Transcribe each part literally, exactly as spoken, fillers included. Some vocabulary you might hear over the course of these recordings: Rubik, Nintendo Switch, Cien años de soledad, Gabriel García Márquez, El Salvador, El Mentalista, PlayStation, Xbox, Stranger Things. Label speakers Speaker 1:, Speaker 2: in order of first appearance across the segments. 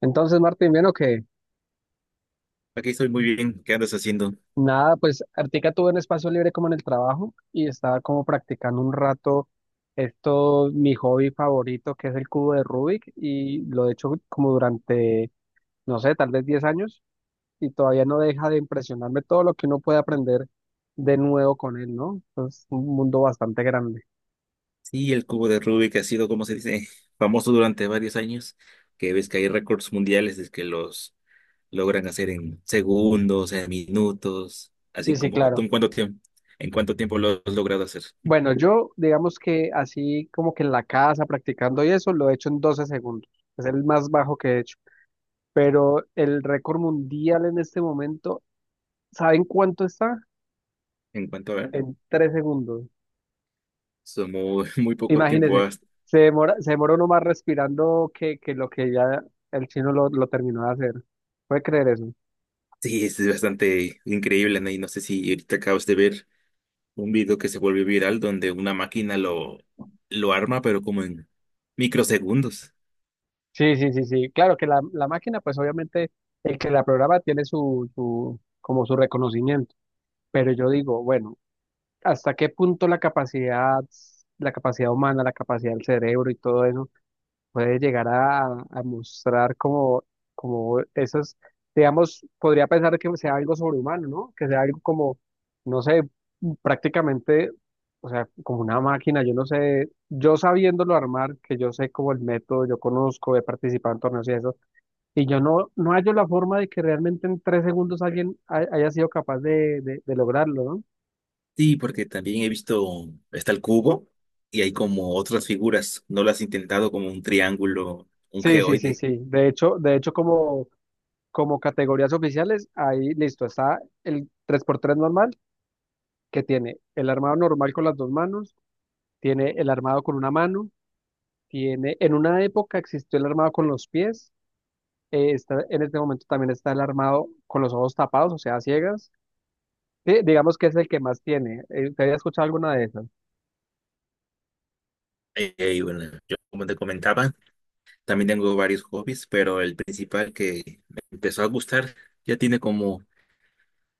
Speaker 1: Entonces, Martín, bueno, que
Speaker 2: Aquí estoy muy bien. ¿Qué andas haciendo?
Speaker 1: nada, pues Artica tuvo un espacio libre como en el trabajo y estaba como practicando un rato esto, mi hobby favorito, que es el cubo de Rubik, y lo he hecho como durante, no sé, tal vez diez años, y todavía no deja de impresionarme todo lo que uno puede aprender de nuevo con él, ¿no? Es un mundo bastante grande.
Speaker 2: Sí, el cubo de Rubik ha sido, como se dice, famoso durante varios años, que ves que hay récords mundiales de que los logran hacer en segundos, en minutos, así
Speaker 1: Sí, sí,
Speaker 2: como tú
Speaker 1: claro.
Speaker 2: en cuánto tiempo, en cuánto tiempo lo has logrado hacer.
Speaker 1: Bueno, yo digamos que así como que en la casa practicando y eso, lo he hecho en doce segundos. Es el más bajo que he hecho. Pero el récord mundial en este momento, ¿saben cuánto está?
Speaker 2: En cuanto a ver,
Speaker 1: En tres segundos.
Speaker 2: son muy, muy poco tiempo.
Speaker 1: Imagínense,
Speaker 2: has-
Speaker 1: se demora, se demora uno más respirando que, que, lo que ya el chino lo, lo terminó de hacer. ¿Puede creer eso?
Speaker 2: Sí, es bastante increíble, ¿no? Y no sé si ahorita acabas de ver un video que se volvió viral donde una máquina lo, lo arma, pero como en microsegundos.
Speaker 1: Sí, sí, sí, sí. Claro que la, la máquina, pues obviamente el que la programa tiene su, su, como su reconocimiento. Pero yo digo, bueno, ¿hasta qué punto la capacidad, la capacidad humana, la capacidad del cerebro y todo eso? Puede llegar a, a, mostrar como, como esas, digamos, podría pensar que sea algo sobrehumano, ¿no? Que sea algo como, no sé, prácticamente, o sea, como una máquina, yo no sé, yo sabiéndolo armar, que yo sé como el método, yo conozco, he participado en torneos y eso, y yo no, no, hallo la forma de que realmente en tres segundos alguien ha- haya sido capaz de, de, de lograrlo, ¿no?
Speaker 2: Sí, porque también he visto, está el cubo y hay como otras figuras. ¿No lo has intentado como un triángulo, un
Speaker 1: Sí, sí, sí,
Speaker 2: geoide?
Speaker 1: sí. De hecho, de hecho, como, como categorías oficiales, ahí listo, está el tres por tres normal, que tiene el armado normal con las dos manos, tiene el armado con una mano, tiene, en una época existió el armado con los pies, eh, está, en este momento también está el armado con los ojos tapados, o sea, a ciegas. Sí, digamos que es el que más tiene. Eh, ¿Te había escuchado alguna de esas?
Speaker 2: Eh, y bueno, yo como te comentaba, también tengo varios hobbies, pero el principal que me empezó a gustar ya tiene como,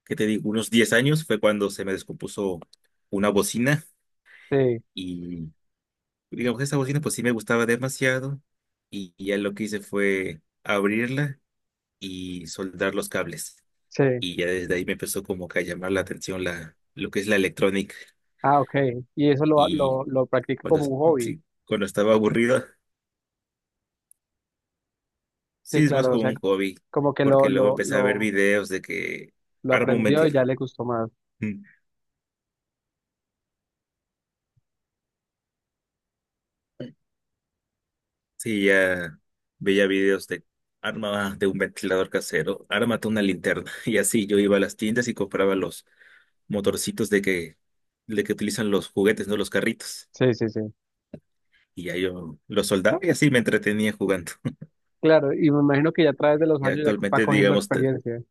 Speaker 2: ¿qué te digo? Unos diez años fue cuando se me descompuso una bocina
Speaker 1: Sí,
Speaker 2: y digamos, que esa bocina pues sí me gustaba demasiado y y ya lo que hice fue abrirla y soldar los cables.
Speaker 1: sí.
Speaker 2: Y ya desde ahí me empezó como que a llamar la atención la, lo que es la electrónica.
Speaker 1: Ah, ok. Y eso lo, lo,
Speaker 2: Y
Speaker 1: lo practica
Speaker 2: cuando,
Speaker 1: como
Speaker 2: es-
Speaker 1: un hobby.
Speaker 2: sí, cuando estaba aburrido,
Speaker 1: Sí,
Speaker 2: sí, es más
Speaker 1: claro, o
Speaker 2: como
Speaker 1: sea,
Speaker 2: un hobby,
Speaker 1: como que
Speaker 2: porque
Speaker 1: lo,
Speaker 2: luego
Speaker 1: lo,
Speaker 2: empecé a ver
Speaker 1: lo,
Speaker 2: videos de que
Speaker 1: lo
Speaker 2: arma un
Speaker 1: aprendió y ya
Speaker 2: ventilador.
Speaker 1: le gustó más.
Speaker 2: Mm. Sí, ya veía videos de arma de un ventilador casero, ármate una linterna. Y así yo iba a las tiendas y compraba los motorcitos de que, de que utilizan los juguetes, no los carritos.
Speaker 1: Sí, sí, sí.
Speaker 2: Y ya yo los soldaba y así me entretenía jugando.
Speaker 1: Claro, y me imagino que ya a través de los
Speaker 2: Y
Speaker 1: años ya va
Speaker 2: actualmente,
Speaker 1: cogiendo
Speaker 2: digamos,
Speaker 1: experiencia.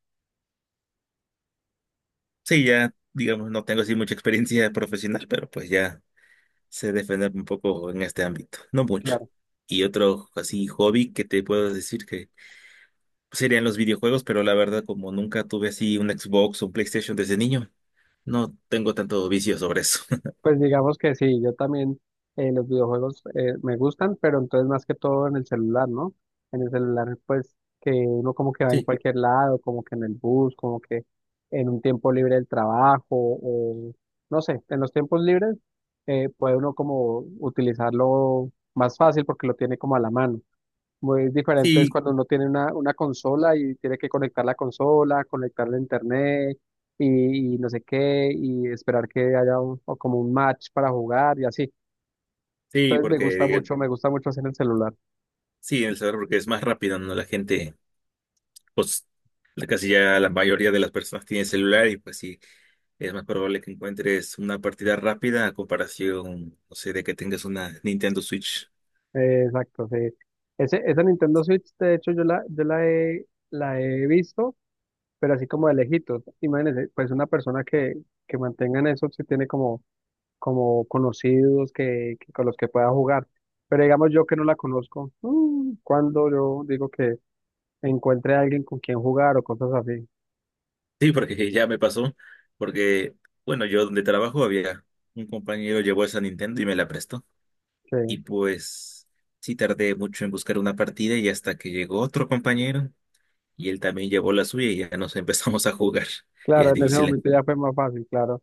Speaker 2: sí, ya, digamos, no tengo así mucha experiencia profesional, pero pues ya sé defenderme un poco en este ámbito, no mucho.
Speaker 1: Claro.
Speaker 2: Y otro así hobby que te puedo decir que serían los videojuegos, pero la verdad como nunca tuve así un Xbox o un PlayStation desde niño, no tengo tanto vicio sobre eso.
Speaker 1: Pues digamos que sí, yo también eh, los videojuegos eh, me gustan, pero entonces más que todo en el celular, ¿no? En el celular, pues que uno como que va en
Speaker 2: Sí,
Speaker 1: cualquier lado, como que en el bus, como que en un tiempo libre del trabajo, o no sé, en los tiempos libres eh, puede uno como utilizarlo más fácil porque lo tiene como a la mano. Muy diferente es
Speaker 2: sí,
Speaker 1: cuando uno tiene una, una consola y tiene que conectar la consola, conectar la internet y, y no sé qué, y esperar que haya un- o como un match para jugar y así.
Speaker 2: sí,
Speaker 1: Entonces me
Speaker 2: porque
Speaker 1: gusta
Speaker 2: diga-
Speaker 1: mucho, me gusta mucho hacer el celular.
Speaker 2: sí, en El Salvador porque es más rápido, ¿no? La gente pues casi ya la mayoría de las personas tienen celular y pues sí, es más probable que encuentres una partida rápida a comparación, no sé, de que tengas una Nintendo Switch.
Speaker 1: Eh, exacto, sí. Ese, esa Nintendo Switch, de hecho, yo la, yo la he, la he visto, pero así como de lejitos. Imagínense, pues una persona que, que mantenga en eso, si tiene como como conocidos que, que- con los que pueda jugar. Pero digamos yo que no la conozco, mm, cuando yo digo que encuentre a alguien con quien jugar o cosas así,
Speaker 2: Sí, porque ya me pasó, porque, bueno, yo donde trabajo había un compañero llevó esa Nintendo y me la prestó. Y
Speaker 1: que
Speaker 2: pues sí tardé mucho en buscar una partida y hasta que llegó otro compañero y él también llevó la suya y ya nos empezamos a jugar. Y es
Speaker 1: claro, en ese
Speaker 2: difícil, ¿eh?
Speaker 1: momento ya fue más fácil, claro.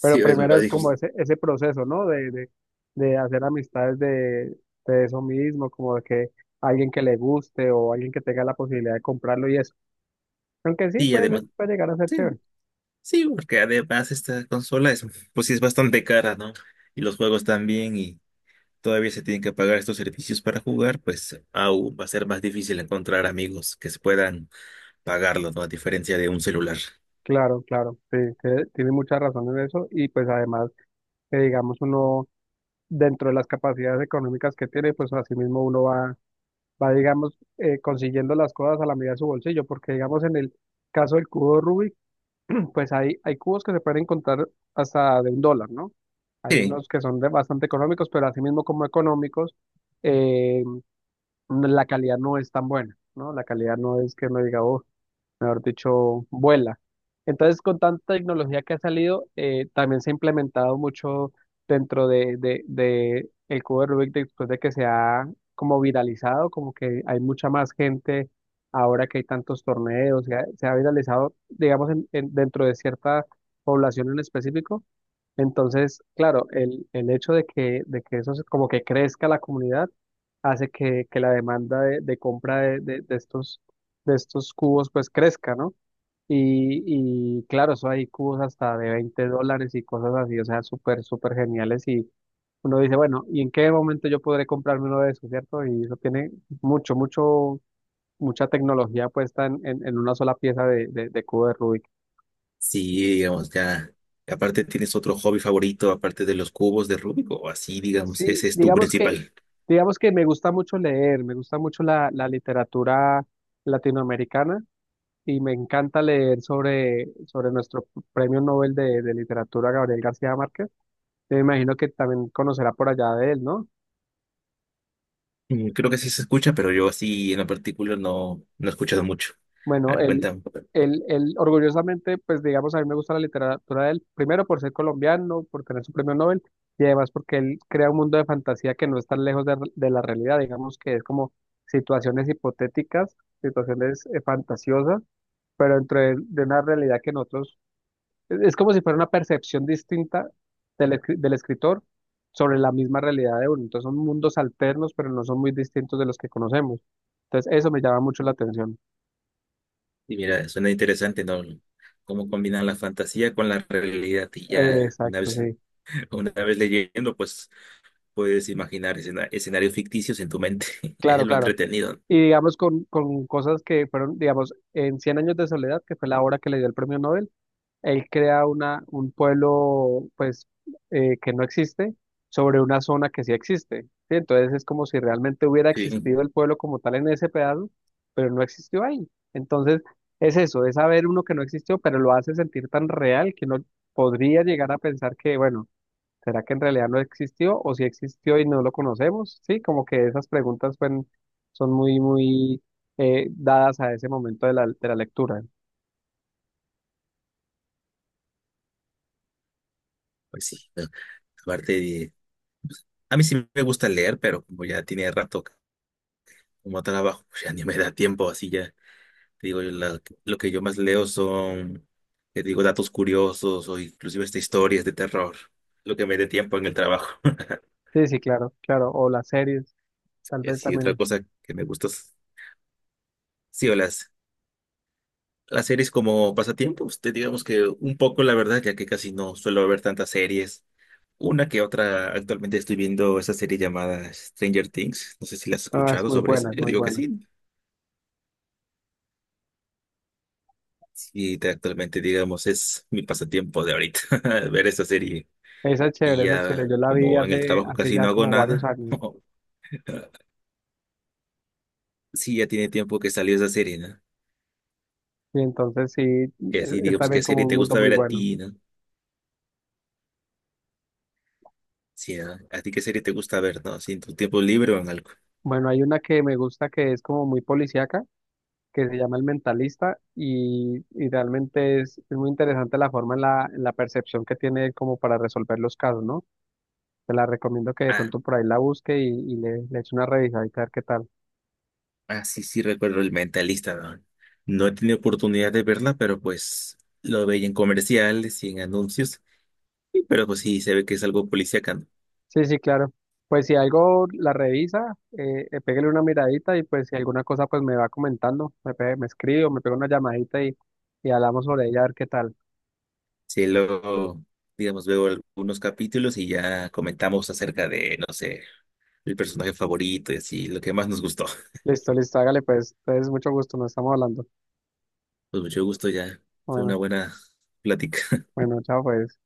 Speaker 1: Pero
Speaker 2: es
Speaker 1: primero
Speaker 2: más
Speaker 1: es como
Speaker 2: difícil.
Speaker 1: ese, ese proceso, ¿no? De, de, de hacer amistades de, de eso mismo, como de que alguien que le guste o alguien que tenga la posibilidad de comprarlo y eso. Aunque sí,
Speaker 2: Y
Speaker 1: puede, ser-
Speaker 2: además...
Speaker 1: puede llegar a ser
Speaker 2: sí.
Speaker 1: chévere.
Speaker 2: Sí, porque además esta consola es, pues sí es bastante cara, ¿no? Y los juegos también, y todavía se tienen que pagar estos servicios para jugar, pues aún va a ser más difícil encontrar amigos que se puedan pagarlo, ¿no? A diferencia de un celular.
Speaker 1: Claro, claro, sí, tiene tiene mucha razón en eso y pues además, que digamos uno dentro de las capacidades económicas que tiene, pues asimismo, uno va, va digamos, eh, consiguiendo las cosas a la medida de su bolsillo, porque digamos en el caso del cubo Rubik, pues hay, hay cubos que se pueden encontrar hasta de un dólar, ¿no? Hay
Speaker 2: Sí,
Speaker 1: unos que son de- bastante económicos, pero asimismo como económicos, eh, la calidad no es tan buena, ¿no? La calidad no es que uno diga, oh, mejor dicho, vuela. Entonces, con tanta tecnología que ha salido, eh, también se ha implementado mucho dentro de, de, de el cubo de Rubik después de que se ha como viralizado, como que hay mucha más gente ahora que hay tantos torneos, se ha, se ha viralizado, digamos, en- en- dentro de cierta población en específico. Entonces, claro, el, el hecho de que, de que eso se- como que crezca la comunidad hace que, que la demanda de, de compra de, de- de estos, de estos cubos pues crezca, ¿no? Y, y claro, eso hay cubos hasta de veinte dólares y cosas así, o sea, súper, súper geniales y uno dice, bueno, ¿y en qué momento yo podré comprarme uno de esos, cierto? Y eso tiene mucho, mucho, mucha tecnología puesta en, en, en una sola pieza de, de, de cubo de Rubik.
Speaker 2: sí, digamos, ya. Aparte, ¿tienes otro hobby favorito aparte de los cubos de Rubik o así, digamos,
Speaker 1: Sí,
Speaker 2: ese es tu
Speaker 1: digamos que,
Speaker 2: principal?
Speaker 1: digamos que me gusta mucho leer, me gusta mucho la, la literatura latinoamericana y me encanta leer sobre, sobre nuestro premio Nobel de, de literatura Gabriel García Márquez. Me imagino que también conocerá por allá de él, ¿no?
Speaker 2: Mm, creo que sí se escucha, pero yo así en lo particular no, no he escuchado mucho. A
Speaker 1: Bueno,
Speaker 2: ver,
Speaker 1: él,
Speaker 2: cuéntame.
Speaker 1: él, él, orgullosamente, pues digamos, a mí me gusta la literatura de él, primero por ser colombiano, por tener su premio Nobel, y además porque él crea un mundo de fantasía que no es tan lejos de, de la realidad, digamos que es como situaciones hipotéticas, situaciones eh, fantasiosas, pero dentro de, de una realidad que nosotros, es, es como si fuera una percepción distinta del, escri- del escritor sobre la misma realidad de uno, entonces son mundos alternos, pero no son muy distintos de los que conocemos, entonces eso me llama mucho la atención.
Speaker 2: Y mira, suena interesante, ¿no? Cómo combinan la fantasía con la realidad y
Speaker 1: Eh,
Speaker 2: ya una
Speaker 1: Exacto,
Speaker 2: vez,
Speaker 1: sí.
Speaker 2: una vez leyendo, pues puedes imaginar escena- escenarios ficticios en tu mente. Eso
Speaker 1: Claro,
Speaker 2: es lo
Speaker 1: claro.
Speaker 2: entretenido, ¿no?
Speaker 1: Y digamos con, con cosas que fueron, digamos, en Cien años de soledad, que fue la obra que le dio el premio Nobel, él crea una, un pueblo, pues, eh, que no existe sobre una zona que sí existe, ¿sí? Entonces es como si realmente hubiera
Speaker 2: Sí,
Speaker 1: existido el pueblo como tal en ese pedazo, pero no existió ahí. Entonces es eso, es saber uno que no existió, pero lo hace sentir tan real que uno podría llegar a pensar que, bueno, ¿será que en realidad no existió o si existió y no lo conocemos? Sí, como que esas preguntas fueron- son muy, muy eh, dadas a ese momento de la, de la lectura.
Speaker 2: pues sí, ¿no? Aparte de- a mí sí me gusta leer, pero como ya tiene rato como trabajo, pues ya ni me da tiempo, así ya, te digo, yo la- lo que yo más leo son, te digo, datos curiosos o inclusive hasta historias de terror, lo que me dé tiempo en el trabajo.
Speaker 1: Sí, sí, claro, claro. O las series, tal
Speaker 2: Y
Speaker 1: vez
Speaker 2: así, otra
Speaker 1: también.
Speaker 2: cosa que me gusta. Sí, o las, las series como pasatiempos, te digamos que un poco la verdad, ya que casi no suelo ver tantas series. Una que otra, actualmente estoy viendo esa serie llamada Stranger Things. No sé si la has
Speaker 1: No, es
Speaker 2: escuchado
Speaker 1: muy
Speaker 2: sobre eso.
Speaker 1: buena, es
Speaker 2: Yo
Speaker 1: muy
Speaker 2: digo que
Speaker 1: buena.
Speaker 2: sí. Sí, te- actualmente, digamos, es mi pasatiempo de ahorita, ver esa serie.
Speaker 1: Esa es chévere,
Speaker 2: Y
Speaker 1: esa es chévere.
Speaker 2: ya,
Speaker 1: Yo la vi
Speaker 2: como en el
Speaker 1: hace,
Speaker 2: trabajo
Speaker 1: hace
Speaker 2: casi
Speaker 1: ya
Speaker 2: no hago
Speaker 1: como varios
Speaker 2: nada,
Speaker 1: años.
Speaker 2: sí, ya tiene tiempo que salió esa serie, ¿no?
Speaker 1: Y entonces sí, es,
Speaker 2: Y así,
Speaker 1: es
Speaker 2: digamos,
Speaker 1: también
Speaker 2: ¿qué
Speaker 1: como
Speaker 2: serie
Speaker 1: un
Speaker 2: te
Speaker 1: mundo
Speaker 2: gusta
Speaker 1: muy
Speaker 2: ver a
Speaker 1: bueno.
Speaker 2: ti, ¿no? Sí, ¿no? ¿A ti qué serie te gusta ver, ¿no? Así en tu tiempo libre o en algo.
Speaker 1: Bueno, hay una que me gusta que es como muy policíaca que se llama El Mentalista y, y realmente es, es, muy interesante la forma en la, en la percepción que tiene él como para resolver los casos, ¿no? Te la recomiendo que de
Speaker 2: Ah,
Speaker 1: pronto por ahí la busque y, y le, le eche una revisadita a ver qué tal.
Speaker 2: ah, sí, sí, recuerdo el mentalista, ¿no? No he tenido oportunidad de verla, pero pues lo veía en comerciales y en anuncios, y- pero pues sí, se ve que es algo policíaco, ¿no?
Speaker 1: Sí, sí, claro. Pues si algo la revisa, eh, eh, pégale una miradita y pues si alguna cosa pues me va comentando, me, pe- me escribe o me pega una llamadita y, y hablamos sobre ella a ver qué tal.
Speaker 2: Sí, luego, digamos, veo algunos capítulos y ya comentamos acerca de, no sé, el personaje favorito y así, lo que más nos gustó.
Speaker 1: Listo, listo, hágale pues. Entonces, mucho gusto, nos estamos hablando.
Speaker 2: Pues mucho gusto ya, fue
Speaker 1: Bueno,
Speaker 2: una buena plática.
Speaker 1: bueno, chao pues.